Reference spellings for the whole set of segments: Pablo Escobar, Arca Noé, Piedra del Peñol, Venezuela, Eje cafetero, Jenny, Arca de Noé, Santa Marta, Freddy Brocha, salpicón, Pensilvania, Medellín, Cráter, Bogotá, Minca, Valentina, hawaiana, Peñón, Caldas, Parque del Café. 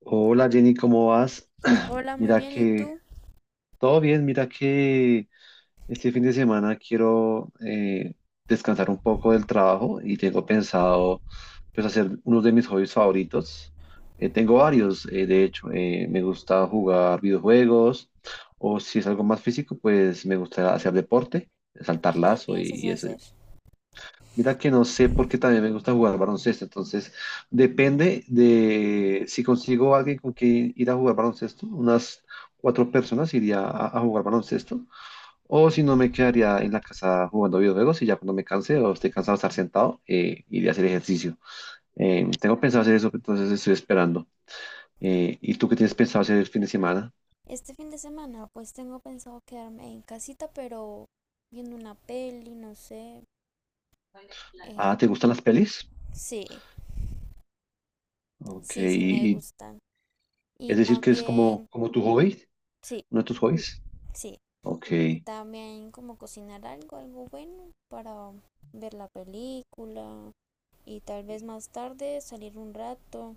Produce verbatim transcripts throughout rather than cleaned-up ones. Hola Jenny, ¿cómo vas? Hola, muy Mira bien, ¿y que tú? todo bien, mira que este fin de semana quiero eh, descansar un poco del trabajo y tengo pensado pues hacer uno de mis hobbies favoritos. Eh, tengo varios, eh, de hecho, eh, me gusta jugar videojuegos o si es algo más físico, pues me gusta hacer deporte, saltar ¿Y qué lazo y, piensas y ese. hacer? Mira que no sé porque también me gusta jugar baloncesto, entonces depende de si consigo alguien con quien ir a jugar baloncesto, unas cuatro personas iría a, a jugar baloncesto, o si no me quedaría en la casa jugando videojuegos y ya cuando me canse o esté cansado de estar sentado, eh, iría a hacer ejercicio. Eh, tengo pensado hacer eso, entonces estoy esperando. Eh, ¿y tú qué tienes pensado hacer el fin de semana? Este fin de semana, pues tengo pensado quedarme en casita, pero viendo una peli, no sé. eh, Ah, ¿te gustan las pelis? sí, Ok, sí, sí me y, y- gustan. Y es decir que es como, también, como tu hobby, sí, uno de tus hobbies. sí. Ok. Y también como cocinar algo, algo bueno para ver la película. Y tal vez más tarde salir un rato.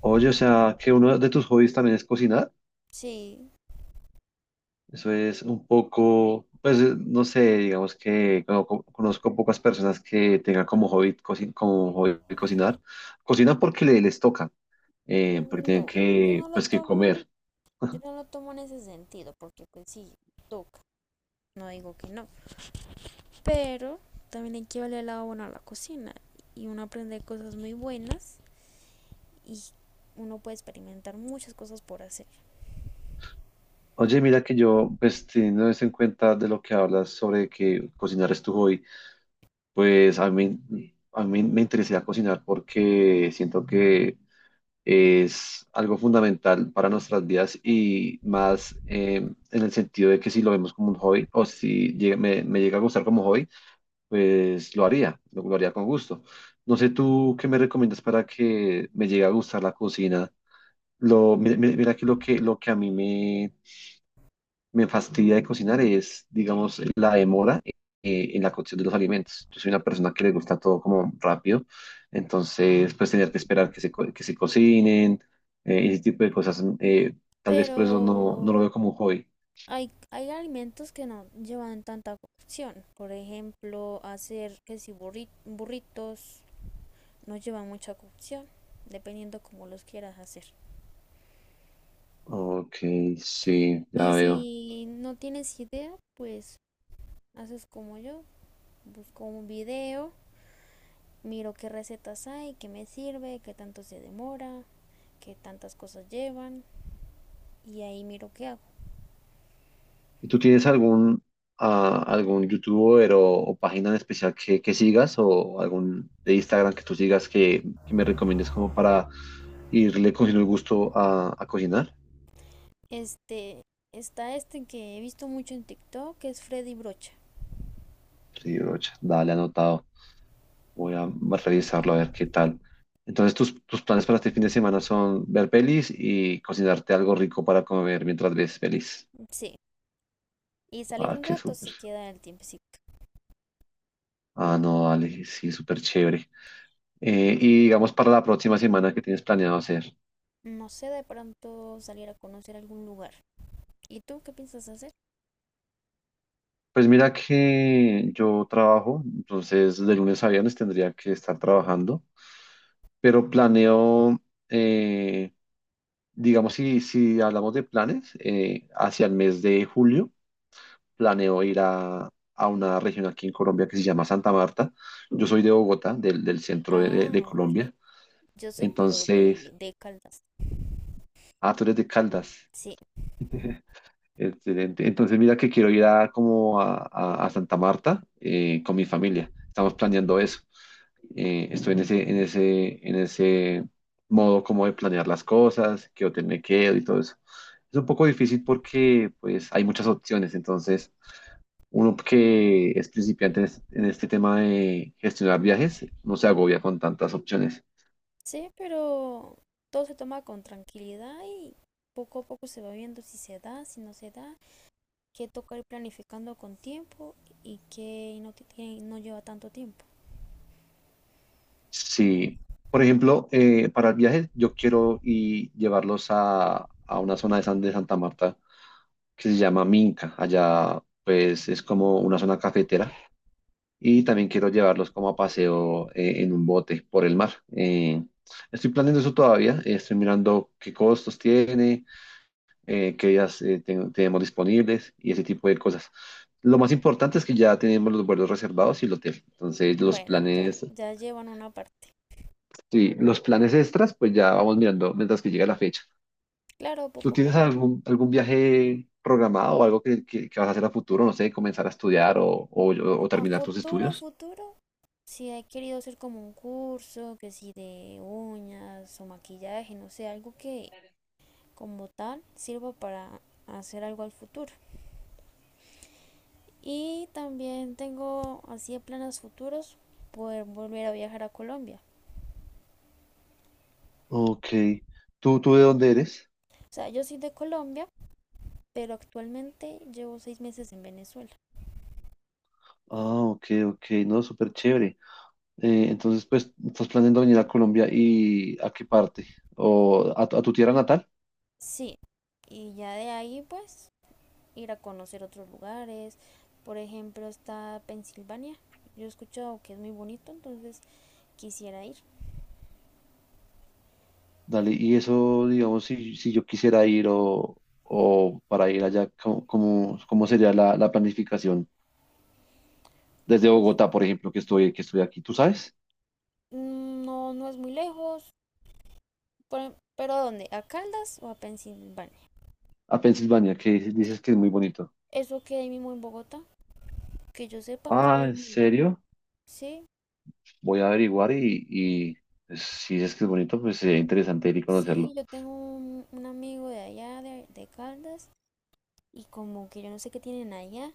Oye, o sea, que uno de tus hobbies también es cocinar. Sí. Eso es un poco, pues eh, no sé, digamos que como co- conozco pocas personas que tengan como hobby, coci- como hobby cocinar. Cocinan porque le- les toca, eh, porque tienen No, yo que, no lo pues, que tomo, comer. yo no lo tomo en ese sentido, porque pues sí, toca. No digo que no. Pero también hay que verle el lado bueno a la cocina y uno aprende cosas muy buenas y uno puede experimentar muchas cosas por hacer. Oye, mira que yo, pues teniendo eso en cuenta de lo que hablas sobre que cocinar es tu hobby, pues a mí, a mí me interesa cocinar porque siento que es algo fundamental para nuestras vidas y más eh, en el sentido de que si lo vemos como un hobby o si llega- me, me llega a gustar como hobby, pues lo haría, lo, lo haría con gusto. No sé tú qué me recomiendas para que me llegue a gustar la cocina. Lo, mi- mi- mira, que lo que, lo que a mí me, me fastidia de cocinar es, digamos, la demora eh, en la cocción de los alimentos. Yo soy una persona que le gusta todo como rápido, entonces pues tener que esperar que se, co- que se cocinen, eh, ese tipo de cosas, mm, eh, tal vez Pero por eso no, no lo veo como un hobby. hay, hay alimentos que no llevan tanta cocción. Por ejemplo, hacer que si burri- burritos no llevan mucha cocción, dependiendo como los quieras hacer. Ok, sí, ya Y veo. si no tienes idea, pues haces como yo, busco un video, miro qué recetas hay, qué me sirve, qué tanto se demora que tantas cosas llevan y ahí miro qué hago. ¿Y tú tienes algún, ah, algún youtuber o, o página en especial que, que sigas o algún de Instagram que tú sigas que, que me recomiendes como para irle cogiendo el gusto a, a cocinar? Este, está este que he visto mucho en TikTok, que es Freddy Brocha. Sí, brocha, dale anotado. Voy a revisarlo a ver qué tal. Entonces, tus, tus planes para este fin de semana son ver pelis y cocinarte algo rico para comer mientras ves pelis. Sí, y salir Ah, un qué rato súper. si queda el tiempecito. Ah, no, dale, sí, súper chévere. Eh, y digamos para la próxima semana, ¿qué tienes planeado hacer? No sé, de pronto salir a conocer algún lugar. ¿Y tú qué piensas hacer? Pues mira que yo trabajo, entonces de lunes a viernes tendría que estar trabajando, pero planeo, eh, digamos, si, si hablamos de planes, eh, hacia el mes de julio. Planeo ir a, a una región aquí en Colombia que se llama Santa Marta. Yo soy de Bogotá, del, del centro de, de- de Ah, ok. Colombia. Yo soy pero de, Entonces, de Caldas. ah, tú eres de Caldas. Sí. Excelente. Entonces, mira que quiero ir a como a, a- a Santa Marta eh, con mi familia. Estamos planeando eso. Eh, estoy en ese, en ese, en ese modo como de planear las cosas, qué hotel me quedo y todo eso. Es un poco difícil porque pues hay muchas opciones. Entonces, uno que es principiante en este en este tema de gestionar viajes no se agobia con tantas opciones. Sí, pero todo se toma con tranquilidad y poco a poco se va viendo si se da, si no se da, que toca ir planificando con tiempo y que no, que no lleva tanto tiempo. Sí, por ejemplo, eh, para el viaje yo quiero y llevarlos a, a una zona de, San, de Santa Marta que se llama Minca. Allá pues es como una zona cafetera y también quiero llevarlos como a paseo eh, en un bote por el mar. Eh, Estoy planeando eso todavía, eh, estoy mirando qué costos tiene, eh, qué días eh, ten- tenemos disponibles y ese tipo de cosas. Lo más importante es que ya tenemos los vuelos reservados y el hotel. Entonces los Bueno, ya, planes ya llevan una parte. sí, los planes extras, pues ya vamos mirando mientras que llega la fecha. Claro, ¿Tú poco a tienes poco. algún, algún viaje programado o algo que, que, que vas a hacer a futuro? No sé, comenzar a estudiar o, o, o A terminar tus futuro, a estudios. futuro, si he querido hacer como un curso, que si de uñas o maquillaje, no sé, algo que como tal sirva para hacer algo al futuro. Y también tengo así de planes futuros poder volver a viajar a Colombia. Ok. ¿Tú, tú de dónde eres? O sea, yo soy de Colombia pero actualmente llevo seis meses en Venezuela. Ah, ok, ok. No, súper chévere. Eh, entonces, pues, ¿estás planeando venir a Colombia y a qué parte? ¿O a, tu a tu tierra natal? Sí, y ya de ahí pues ir a conocer otros lugares. Por ejemplo, está Pensilvania. Yo he escuchado que es muy bonito, entonces quisiera ir. Dale, y eso, digamos, si, si yo quisiera ir o, o para ir allá, ¿cómo, cómo- cómo sería la, la planificación? Desde No, es- Bogotá, por ejemplo, que estoy, que estoy aquí, ¿tú sabes? no, no es muy lejos. Por- ¿Pero a dónde? ¿A Caldas o a Pensilvania? A Pensilvania, que dices dices que es muy bonito. Eso queda ahí mismo en Bogotá. Que yo sepa, queda Ah, ahí ¿en mismo. serio? Sí, Voy a averiguar y, y pues, si dices que es bonito, pues sería interesante ir y sí, conocerlo. yo tengo un, un amigo de allá, de, de Caldas, y como que yo no sé qué tienen allá,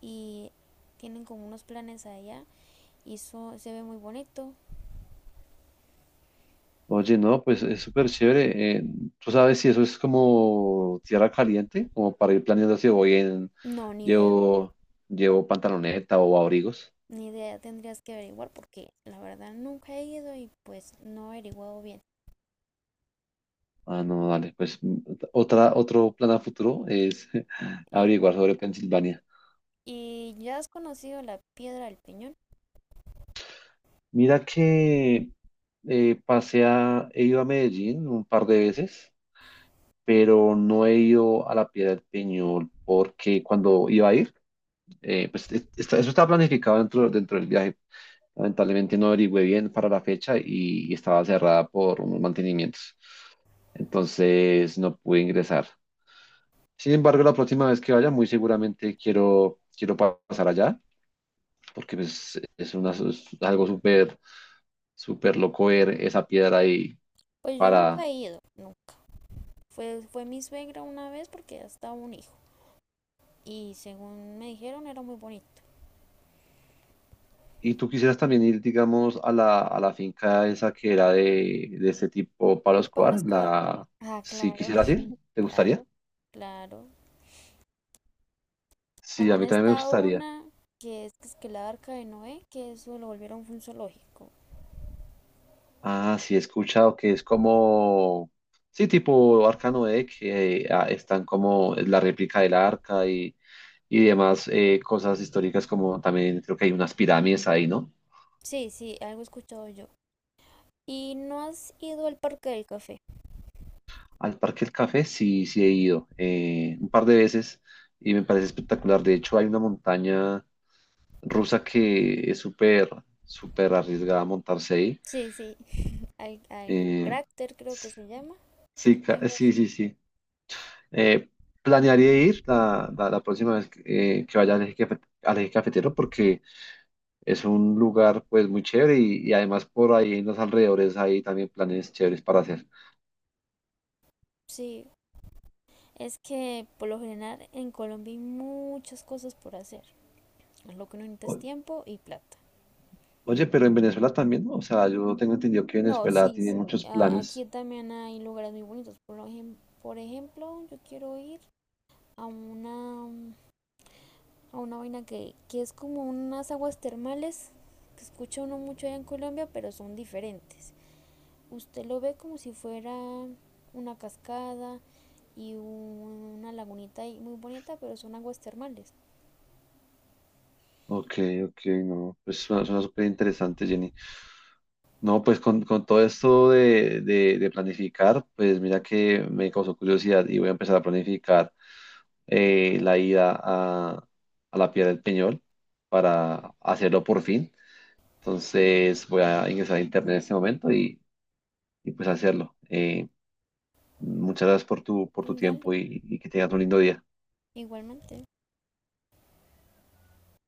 y tienen como unos planes allá y eso se ve muy bonito. Oye, no, pues es súper chévere. Eh, ¿tú sabes si eso es como tierra caliente? Como para ir planeando si voy en... No, ni idea. Llevo, llevo pantaloneta o abrigos. Ni idea, tendrías que averiguar porque la verdad nunca he ido y pues no he averiguado bien. Ah, no, dale, pues mm, otra, otro plan a futuro es Eh, averiguar sobre Pensilvania. ¿Y ya has conocido la piedra del peñón? Mira que eh, pasé a, he ido a Medellín un par de veces, pero no he ido a la Piedra del Peñol porque cuando iba a ir, eh, pues es- está- eso estaba planificado dentro, dentro del viaje. Lamentablemente no averigüé bien para la fecha y, y estaba cerrada por unos mantenimientos. Entonces no pude ingresar. Sin embargo, la próxima vez que vaya, muy seguramente quiero, quiero pa- pasar allá porque pues, es, una, es algo súper, súper loco ver esa piedra ahí Pues yo nunca para. he ido, no. Fue, fue mi suegra una vez porque ya estaba un hijo y según me dijeron era muy bonito. Y tú quisieras también ir, digamos, a la, a la finca esa que era de, de este tipo Pablo De Pablo Escobar, Escobar. la, Ah, si claro, quisieras ir, ¿te gustaría? claro, claro. Sí, a También mí también me está gustaría. una que es, que es que la Arca de Noé, que eso lo volvieron un zoológico. Ah, sí, he escuchado que es como, sí, tipo Arca Noé, que ah, están como la réplica del arca y, y demás eh, cosas históricas, como también creo que hay unas pirámides ahí, ¿no? Sí, sí, algo he escuchado yo. ¿Y no has ido al Parque del Café? Al Parque del Café sí, sí he ido eh, un par de veces y me parece espectacular. De hecho, hay una montaña rusa que es súper, súper arriesgada montarse ahí. Sí, sí, al, al Eh, Cráter creo que se llama, sí, ca- eh, algo sí, así. sí, sí. Eh, Planearía ir la, la, la próxima vez que, eh, que vaya al eje, cafe- al Eje cafetero porque es un lugar pues muy chévere y, y además por ahí en los alrededores hay también planes chéveres para hacer. Sí, es que por lo general en Colombia hay muchas cosas por hacer. Lo que no necesitas O- tiempo y plata. Oye, pero en Venezuela también, ¿no? O sea, yo tengo entendido que No, Venezuela sí, tiene sí, muchos a- aquí planes. también hay lugares muy bonitos. Por lo ejem- por ejemplo, yo quiero ir a una, a una vaina que, que es como unas aguas termales que escucha uno mucho allá en Colombia, pero son diferentes. Usted lo ve como si fuera una cascada y una lagunita ahí muy bonita, pero son aguas termales. Ok, ok, no. Pues suena, suena súper interesante, Jenny. No, pues con, con todo esto de, de- de planificar, pues mira que me causó curiosidad y voy a empezar a planificar eh, la ida a, a la Piedra del Peñol para hacerlo por fin. Entonces voy a ingresar a internet en este momento y, y pues hacerlo. Eh, muchas gracias por tu, por tu Dale, tiempo y y que tengas un lindo día. igualmente.